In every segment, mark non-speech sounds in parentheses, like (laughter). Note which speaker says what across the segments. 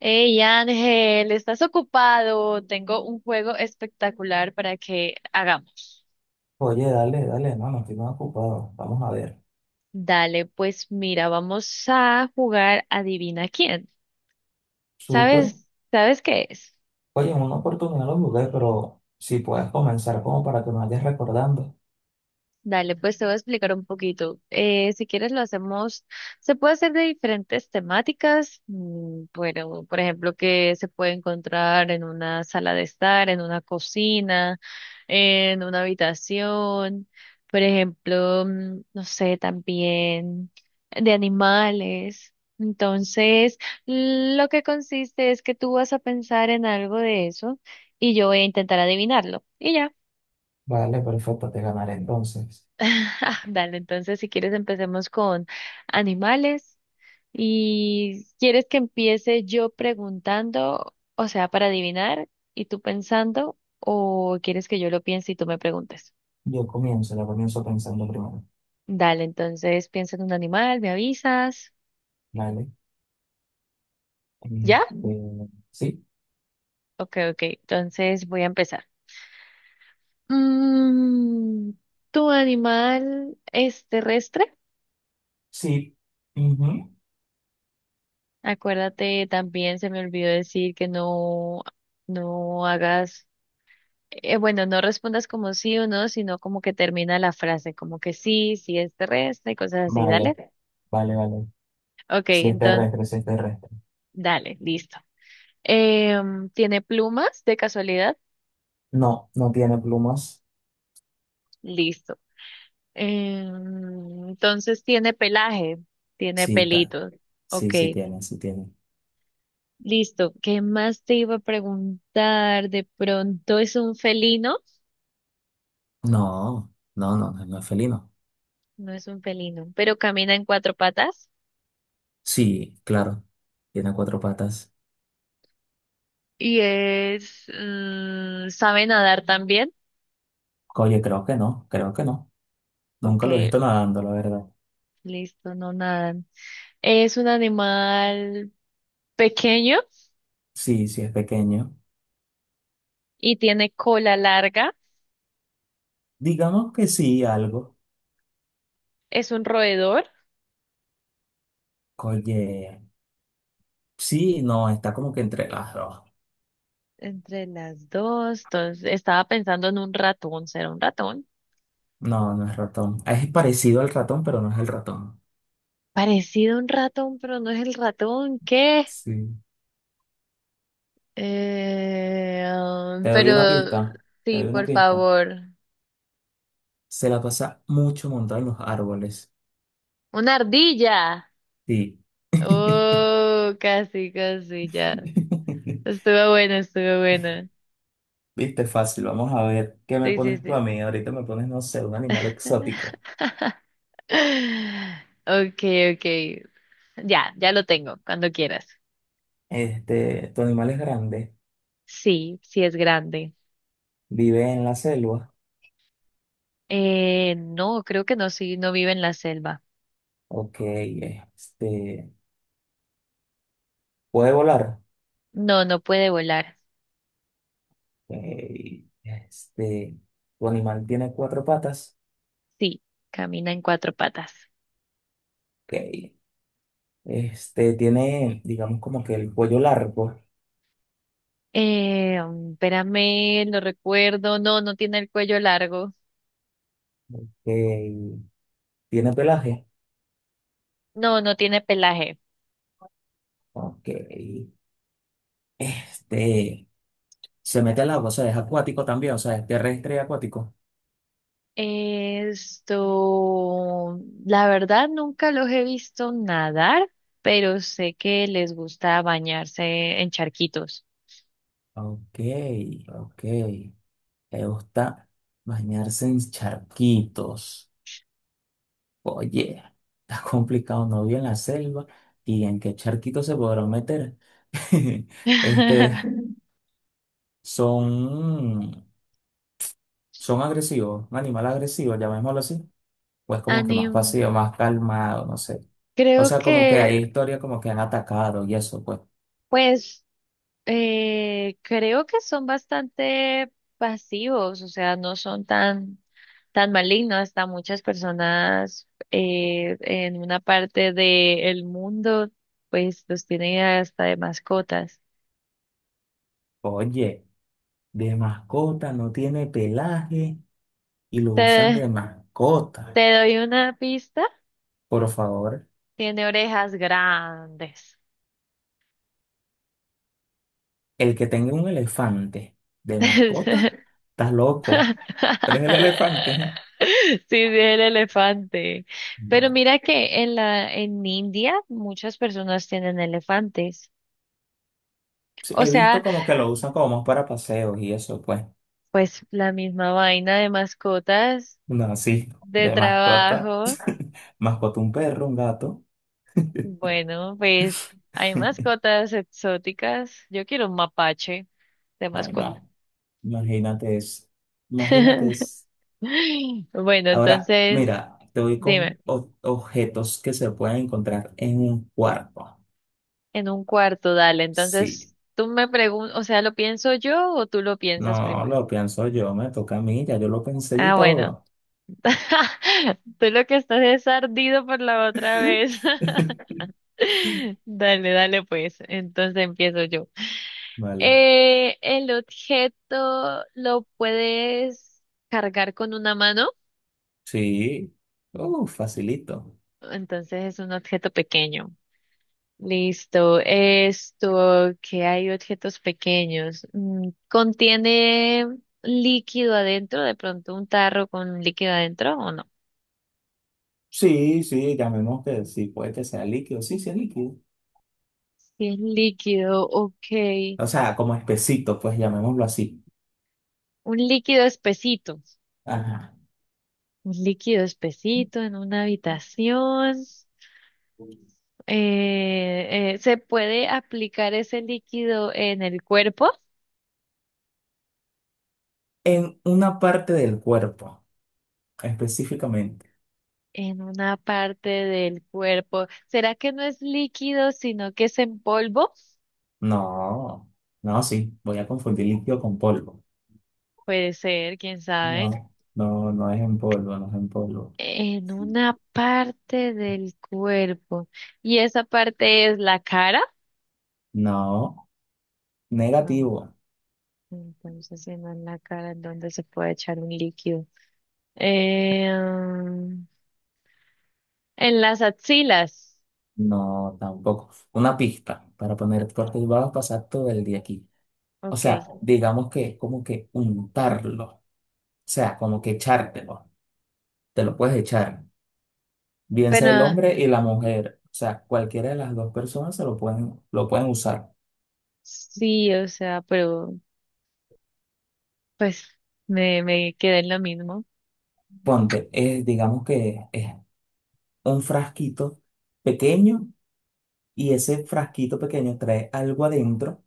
Speaker 1: Hey Ángel, ¿estás ocupado? Tengo un juego espectacular para que hagamos.
Speaker 2: Oye, no estoy más ocupado. Vamos a ver.
Speaker 1: Dale, pues mira, vamos a jugar Adivina quién.
Speaker 2: Súper.
Speaker 1: ¿Sabes? ¿Sabes qué es?
Speaker 2: Oye, en una oportunidad lo jugué, pero si puedes comenzar como para que me vayas recordando.
Speaker 1: Dale, pues te voy a explicar un poquito. Si quieres lo hacemos, se puede hacer de diferentes temáticas. Bueno, por ejemplo, que se puede encontrar en una sala de estar, en una cocina, en una habitación. Por ejemplo, no sé, también de animales. Entonces, lo que consiste es que tú vas a pensar en algo de eso y yo voy a intentar adivinarlo. Y ya.
Speaker 2: Vale, perfecto, te ganaré entonces.
Speaker 1: (laughs) Dale, entonces si quieres empecemos con animales y quieres que empiece yo preguntando, o sea, para adivinar y tú pensando, o quieres que yo lo piense y tú me preguntes.
Speaker 2: Yo comienzo, lo comienzo pensando primero.
Speaker 1: Dale, entonces piensa en un animal, me avisas.
Speaker 2: Vale. Este,
Speaker 1: ¿Ya?
Speaker 2: sí,
Speaker 1: Ok, ok, entonces voy a empezar. Mm, ¿Tu animal es terrestre?
Speaker 2: sí. Ujú.
Speaker 1: Acuérdate, también se me olvidó decir que no, no hagas bueno, no respondas como sí o no, sino como que termina la frase, como que sí, sí es terrestre y cosas así, dale.
Speaker 2: Vale, vale.
Speaker 1: Ok, entonces,
Speaker 2: Si es terrestre.
Speaker 1: dale, listo. ¿Tiene plumas de casualidad?
Speaker 2: No, no tiene plumas.
Speaker 1: Listo. Entonces, ¿tiene pelaje? Tiene
Speaker 2: Sí, ta-
Speaker 1: pelitos. Ok,
Speaker 2: sí tiene, sí tiene.
Speaker 1: listo. ¿Qué más te iba a preguntar? De pronto, ¿es un felino?
Speaker 2: No es felino.
Speaker 1: No es un felino, pero camina en cuatro patas
Speaker 2: Sí, claro. Tiene cuatro patas.
Speaker 1: y es, ¿sabe nadar también?
Speaker 2: Oye, creo que no, creo que no.
Speaker 1: Ok,
Speaker 2: Nunca lo he visto nadando, la verdad.
Speaker 1: listo, no nadan. Es un animal pequeño
Speaker 2: Sí, es pequeño.
Speaker 1: y tiene cola larga.
Speaker 2: Digamos que sí, algo.
Speaker 1: Es un roedor.
Speaker 2: Oye, sí, no, está como que entre las dos.
Speaker 1: Entre las dos. Entonces, estaba pensando en un ratón. ¿Será un ratón?
Speaker 2: No, no es ratón. Es parecido al ratón, pero no es el ratón.
Speaker 1: Parecido a un ratón, pero no es el ratón. ¿Qué?
Speaker 2: Sí. Te
Speaker 1: Pero
Speaker 2: doy una pista, te
Speaker 1: sí,
Speaker 2: doy una
Speaker 1: por
Speaker 2: pista.
Speaker 1: favor.
Speaker 2: Se la pasa mucho montado en los árboles.
Speaker 1: Una ardilla.
Speaker 2: Sí. (laughs)
Speaker 1: Oh, casi, casi, ya. Estuvo buena, estuvo buena.
Speaker 2: Viste, fácil. Vamos a ver qué me
Speaker 1: Sí, sí,
Speaker 2: pones tú
Speaker 1: sí.
Speaker 2: a mí. Ahorita me pones, no sé, un animal exótico.
Speaker 1: (laughs) (laughs) Okay, okay. Ya, ya lo tengo, cuando quieras.
Speaker 2: Tu animal es grande,
Speaker 1: Sí, sí es grande.
Speaker 2: vive en la selva.
Speaker 1: No, creo que no, sí, no vive en la selva.
Speaker 2: Ok, puede volar.
Speaker 1: No, no puede volar.
Speaker 2: Ok, este, tu animal tiene cuatro patas.
Speaker 1: Sí, camina en cuatro patas.
Speaker 2: Ok, tiene, digamos, como que el cuello largo.
Speaker 1: Espérame, lo recuerdo. No, no tiene el cuello largo.
Speaker 2: Ok, tiene pelaje.
Speaker 1: No, no tiene pelaje.
Speaker 2: Ok, este, se mete al agua, o sea, es acuático también, o sea, es terrestre y acuático.
Speaker 1: Esto, la verdad, nunca los he visto nadar, pero sé que les gusta bañarse en charquitos.
Speaker 2: Ok, ok, le gusta bañarse en charquitos. Oye, está complicado, no vi en la selva y en qué charquito se podrán meter. (laughs) Este,
Speaker 1: (laughs)
Speaker 2: son, son agresivos, un animal agresivo, llamémoslo así. Pues como que más
Speaker 1: Anim,
Speaker 2: pasivo, más calmado, no sé. O
Speaker 1: creo
Speaker 2: sea, como que hay
Speaker 1: que,
Speaker 2: historias como que han atacado y eso, pues.
Speaker 1: pues, creo que son bastante pasivos, o sea, no son tan, tan malignos. Hasta muchas personas en una parte del mundo, pues, los tienen hasta de mascotas.
Speaker 2: Oye, de mascota no tiene pelaje y lo usan
Speaker 1: Te,
Speaker 2: de mascota.
Speaker 1: Te doy una pista,
Speaker 2: Por favor,
Speaker 1: tiene orejas grandes.
Speaker 2: el que tenga un elefante de mascota,
Speaker 1: (laughs)
Speaker 2: está loco. Pero es el elefante.
Speaker 1: (laughs) Sí, sí, el elefante. Pero
Speaker 2: No.
Speaker 1: mira que en en India muchas personas tienen elefantes.
Speaker 2: Sí,
Speaker 1: O
Speaker 2: he
Speaker 1: sea,
Speaker 2: visto como que lo usan como más para paseos y eso, pues.
Speaker 1: pues la misma vaina de mascotas,
Speaker 2: No, sí,
Speaker 1: de
Speaker 2: de mascota.
Speaker 1: trabajo.
Speaker 2: (laughs) Mascota un perro, un gato.
Speaker 1: Bueno, pues hay
Speaker 2: (laughs)
Speaker 1: mascotas exóticas. Yo quiero un mapache de
Speaker 2: No hay
Speaker 1: mascota.
Speaker 2: más. Imagínate eso. Imagínate
Speaker 1: (laughs)
Speaker 2: eso.
Speaker 1: Bueno,
Speaker 2: Ahora,
Speaker 1: entonces,
Speaker 2: mira, te voy
Speaker 1: dime,
Speaker 2: con objetos que se pueden encontrar en un cuarto.
Speaker 1: en un cuarto, dale.
Speaker 2: Sí,
Speaker 1: Entonces, tú me preguntas, o sea, ¿lo pienso yo o tú lo piensas
Speaker 2: no
Speaker 1: primero?
Speaker 2: lo pienso yo, me toca a mí, ya yo lo pensé y
Speaker 1: Ah, bueno.
Speaker 2: todo.
Speaker 1: (laughs) Tú lo que estás es ardido por la otra vez.
Speaker 2: (laughs)
Speaker 1: (laughs) Dale, dale pues. Entonces empiezo yo.
Speaker 2: Vale.
Speaker 1: El objeto lo puedes cargar con una mano,
Speaker 2: Sí. Facilito.
Speaker 1: entonces es un objeto pequeño. Listo. Esto, que hay objetos pequeños. Contiene líquido adentro, de pronto un tarro con líquido adentro o no.
Speaker 2: Puede que sea líquido. Sí, sí, es líquido.
Speaker 1: Si es líquido, ok.
Speaker 2: O sea, como espesito, pues llamémoslo así.
Speaker 1: Un líquido espesito.
Speaker 2: Ajá.
Speaker 1: Un líquido espesito en una habitación. Se puede aplicar ese líquido en el cuerpo,
Speaker 2: En una parte del cuerpo, específicamente.
Speaker 1: en una parte del cuerpo. ¿Será que no es líquido, sino que es en polvo?
Speaker 2: No, no, sí, voy a confundir líquido con polvo.
Speaker 1: Puede ser, quién sabe.
Speaker 2: No es en polvo, no es en polvo.
Speaker 1: En una parte del cuerpo. ¿Y esa parte es la cara?
Speaker 2: No,
Speaker 1: Ah,
Speaker 2: negativo.
Speaker 1: entonces, si no es la cara, ¿en dónde se puede echar un líquido? Eh, mm, en las axilas.
Speaker 2: No, tampoco. Una pista para poner, porque vamos a pasar todo el día aquí. O
Speaker 1: Ok.
Speaker 2: sea, digamos que es como que untarlo. O sea, como que echártelo. Te lo puedes echar. Bien sea el
Speaker 1: Bueno,
Speaker 2: hombre y la mujer, o sea, cualquiera de las dos personas se lo pueden usar.
Speaker 1: sí, o sea, pero pues me quedé en lo mismo.
Speaker 2: Digamos que es un frasquito pequeño y ese frasquito pequeño trae algo adentro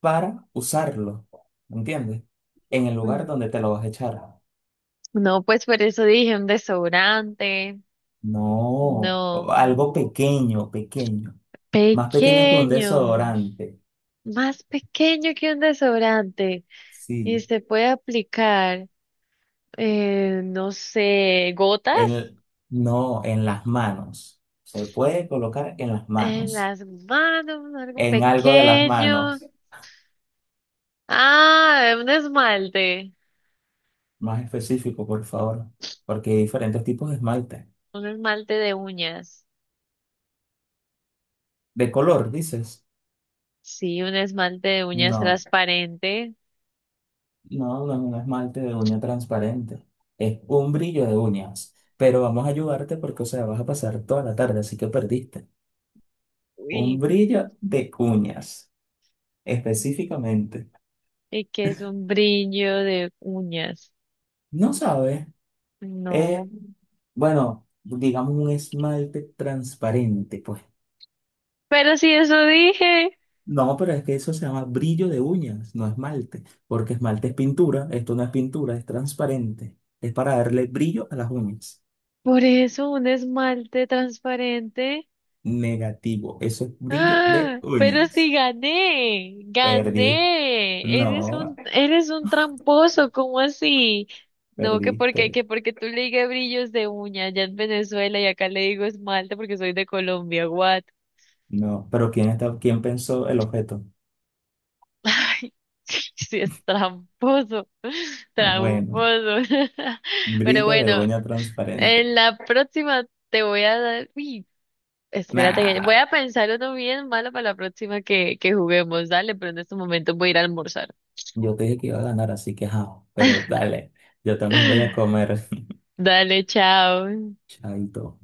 Speaker 2: para usarlo, ¿entiendes? En el lugar
Speaker 1: Mm.
Speaker 2: donde te lo vas a echar.
Speaker 1: No, pues por eso dije un desodorante,
Speaker 2: No, o
Speaker 1: no,
Speaker 2: algo pequeño, más pequeño que un
Speaker 1: pequeño,
Speaker 2: desodorante.
Speaker 1: más pequeño que un desodorante. Y
Speaker 2: Sí,
Speaker 1: se puede aplicar, no sé, gotas
Speaker 2: el, no, en las manos. Se puede colocar en las
Speaker 1: en
Speaker 2: manos.
Speaker 1: las manos, algo
Speaker 2: En algo de las
Speaker 1: pequeño.
Speaker 2: manos,
Speaker 1: Ah,
Speaker 2: más específico, por favor, porque hay diferentes tipos de esmalte.
Speaker 1: un esmalte de uñas.
Speaker 2: ¿De color, dices?
Speaker 1: Sí, un esmalte de uñas
Speaker 2: No,
Speaker 1: transparente.
Speaker 2: no, no es un esmalte de uña transparente, es un brillo de uñas. Pero vamos a ayudarte porque, o sea, vas a pasar toda la tarde, así que perdiste. Un
Speaker 1: Y,
Speaker 2: brillo de uñas, específicamente.
Speaker 1: y que es un brillo de uñas.
Speaker 2: No sabes, es,
Speaker 1: No.
Speaker 2: bueno, digamos un esmalte transparente, pues.
Speaker 1: Pero si eso dije.
Speaker 2: No, pero es que eso se llama brillo de uñas, no esmalte, porque esmalte es pintura, esto no es pintura, es transparente, es para darle brillo a las uñas.
Speaker 1: Por eso un esmalte transparente.
Speaker 2: Negativo, eso es brillo de
Speaker 1: ¡Ah! Pero si
Speaker 2: uñas.
Speaker 1: gané,
Speaker 2: Perdí,
Speaker 1: gané.
Speaker 2: no,
Speaker 1: Eres un tramposo, ¿cómo así? No,
Speaker 2: perdiste,
Speaker 1: que porque tú le digas brillos de uña allá en Venezuela y acá le digo esmalte porque soy de Colombia, what?
Speaker 2: no, pero ¿quién pensó el objeto?
Speaker 1: (laughs) Ay, sí, sí, es tramposo, (laughs)
Speaker 2: No, bueno,
Speaker 1: tramposo. (laughs) Pero
Speaker 2: brillo de
Speaker 1: bueno,
Speaker 2: uña transparente.
Speaker 1: en la próxima te voy a dar. Uy, espérate, que- voy
Speaker 2: Nah,
Speaker 1: a pensar uno bien malo para la próxima que juguemos. Dale, pero en estos momentos voy a ir a almorzar.
Speaker 2: yo te dije que iba a ganar, así que ajá, pero dale, yo también voy a
Speaker 1: (laughs)
Speaker 2: comer,
Speaker 1: Dale, chao.
Speaker 2: chaito.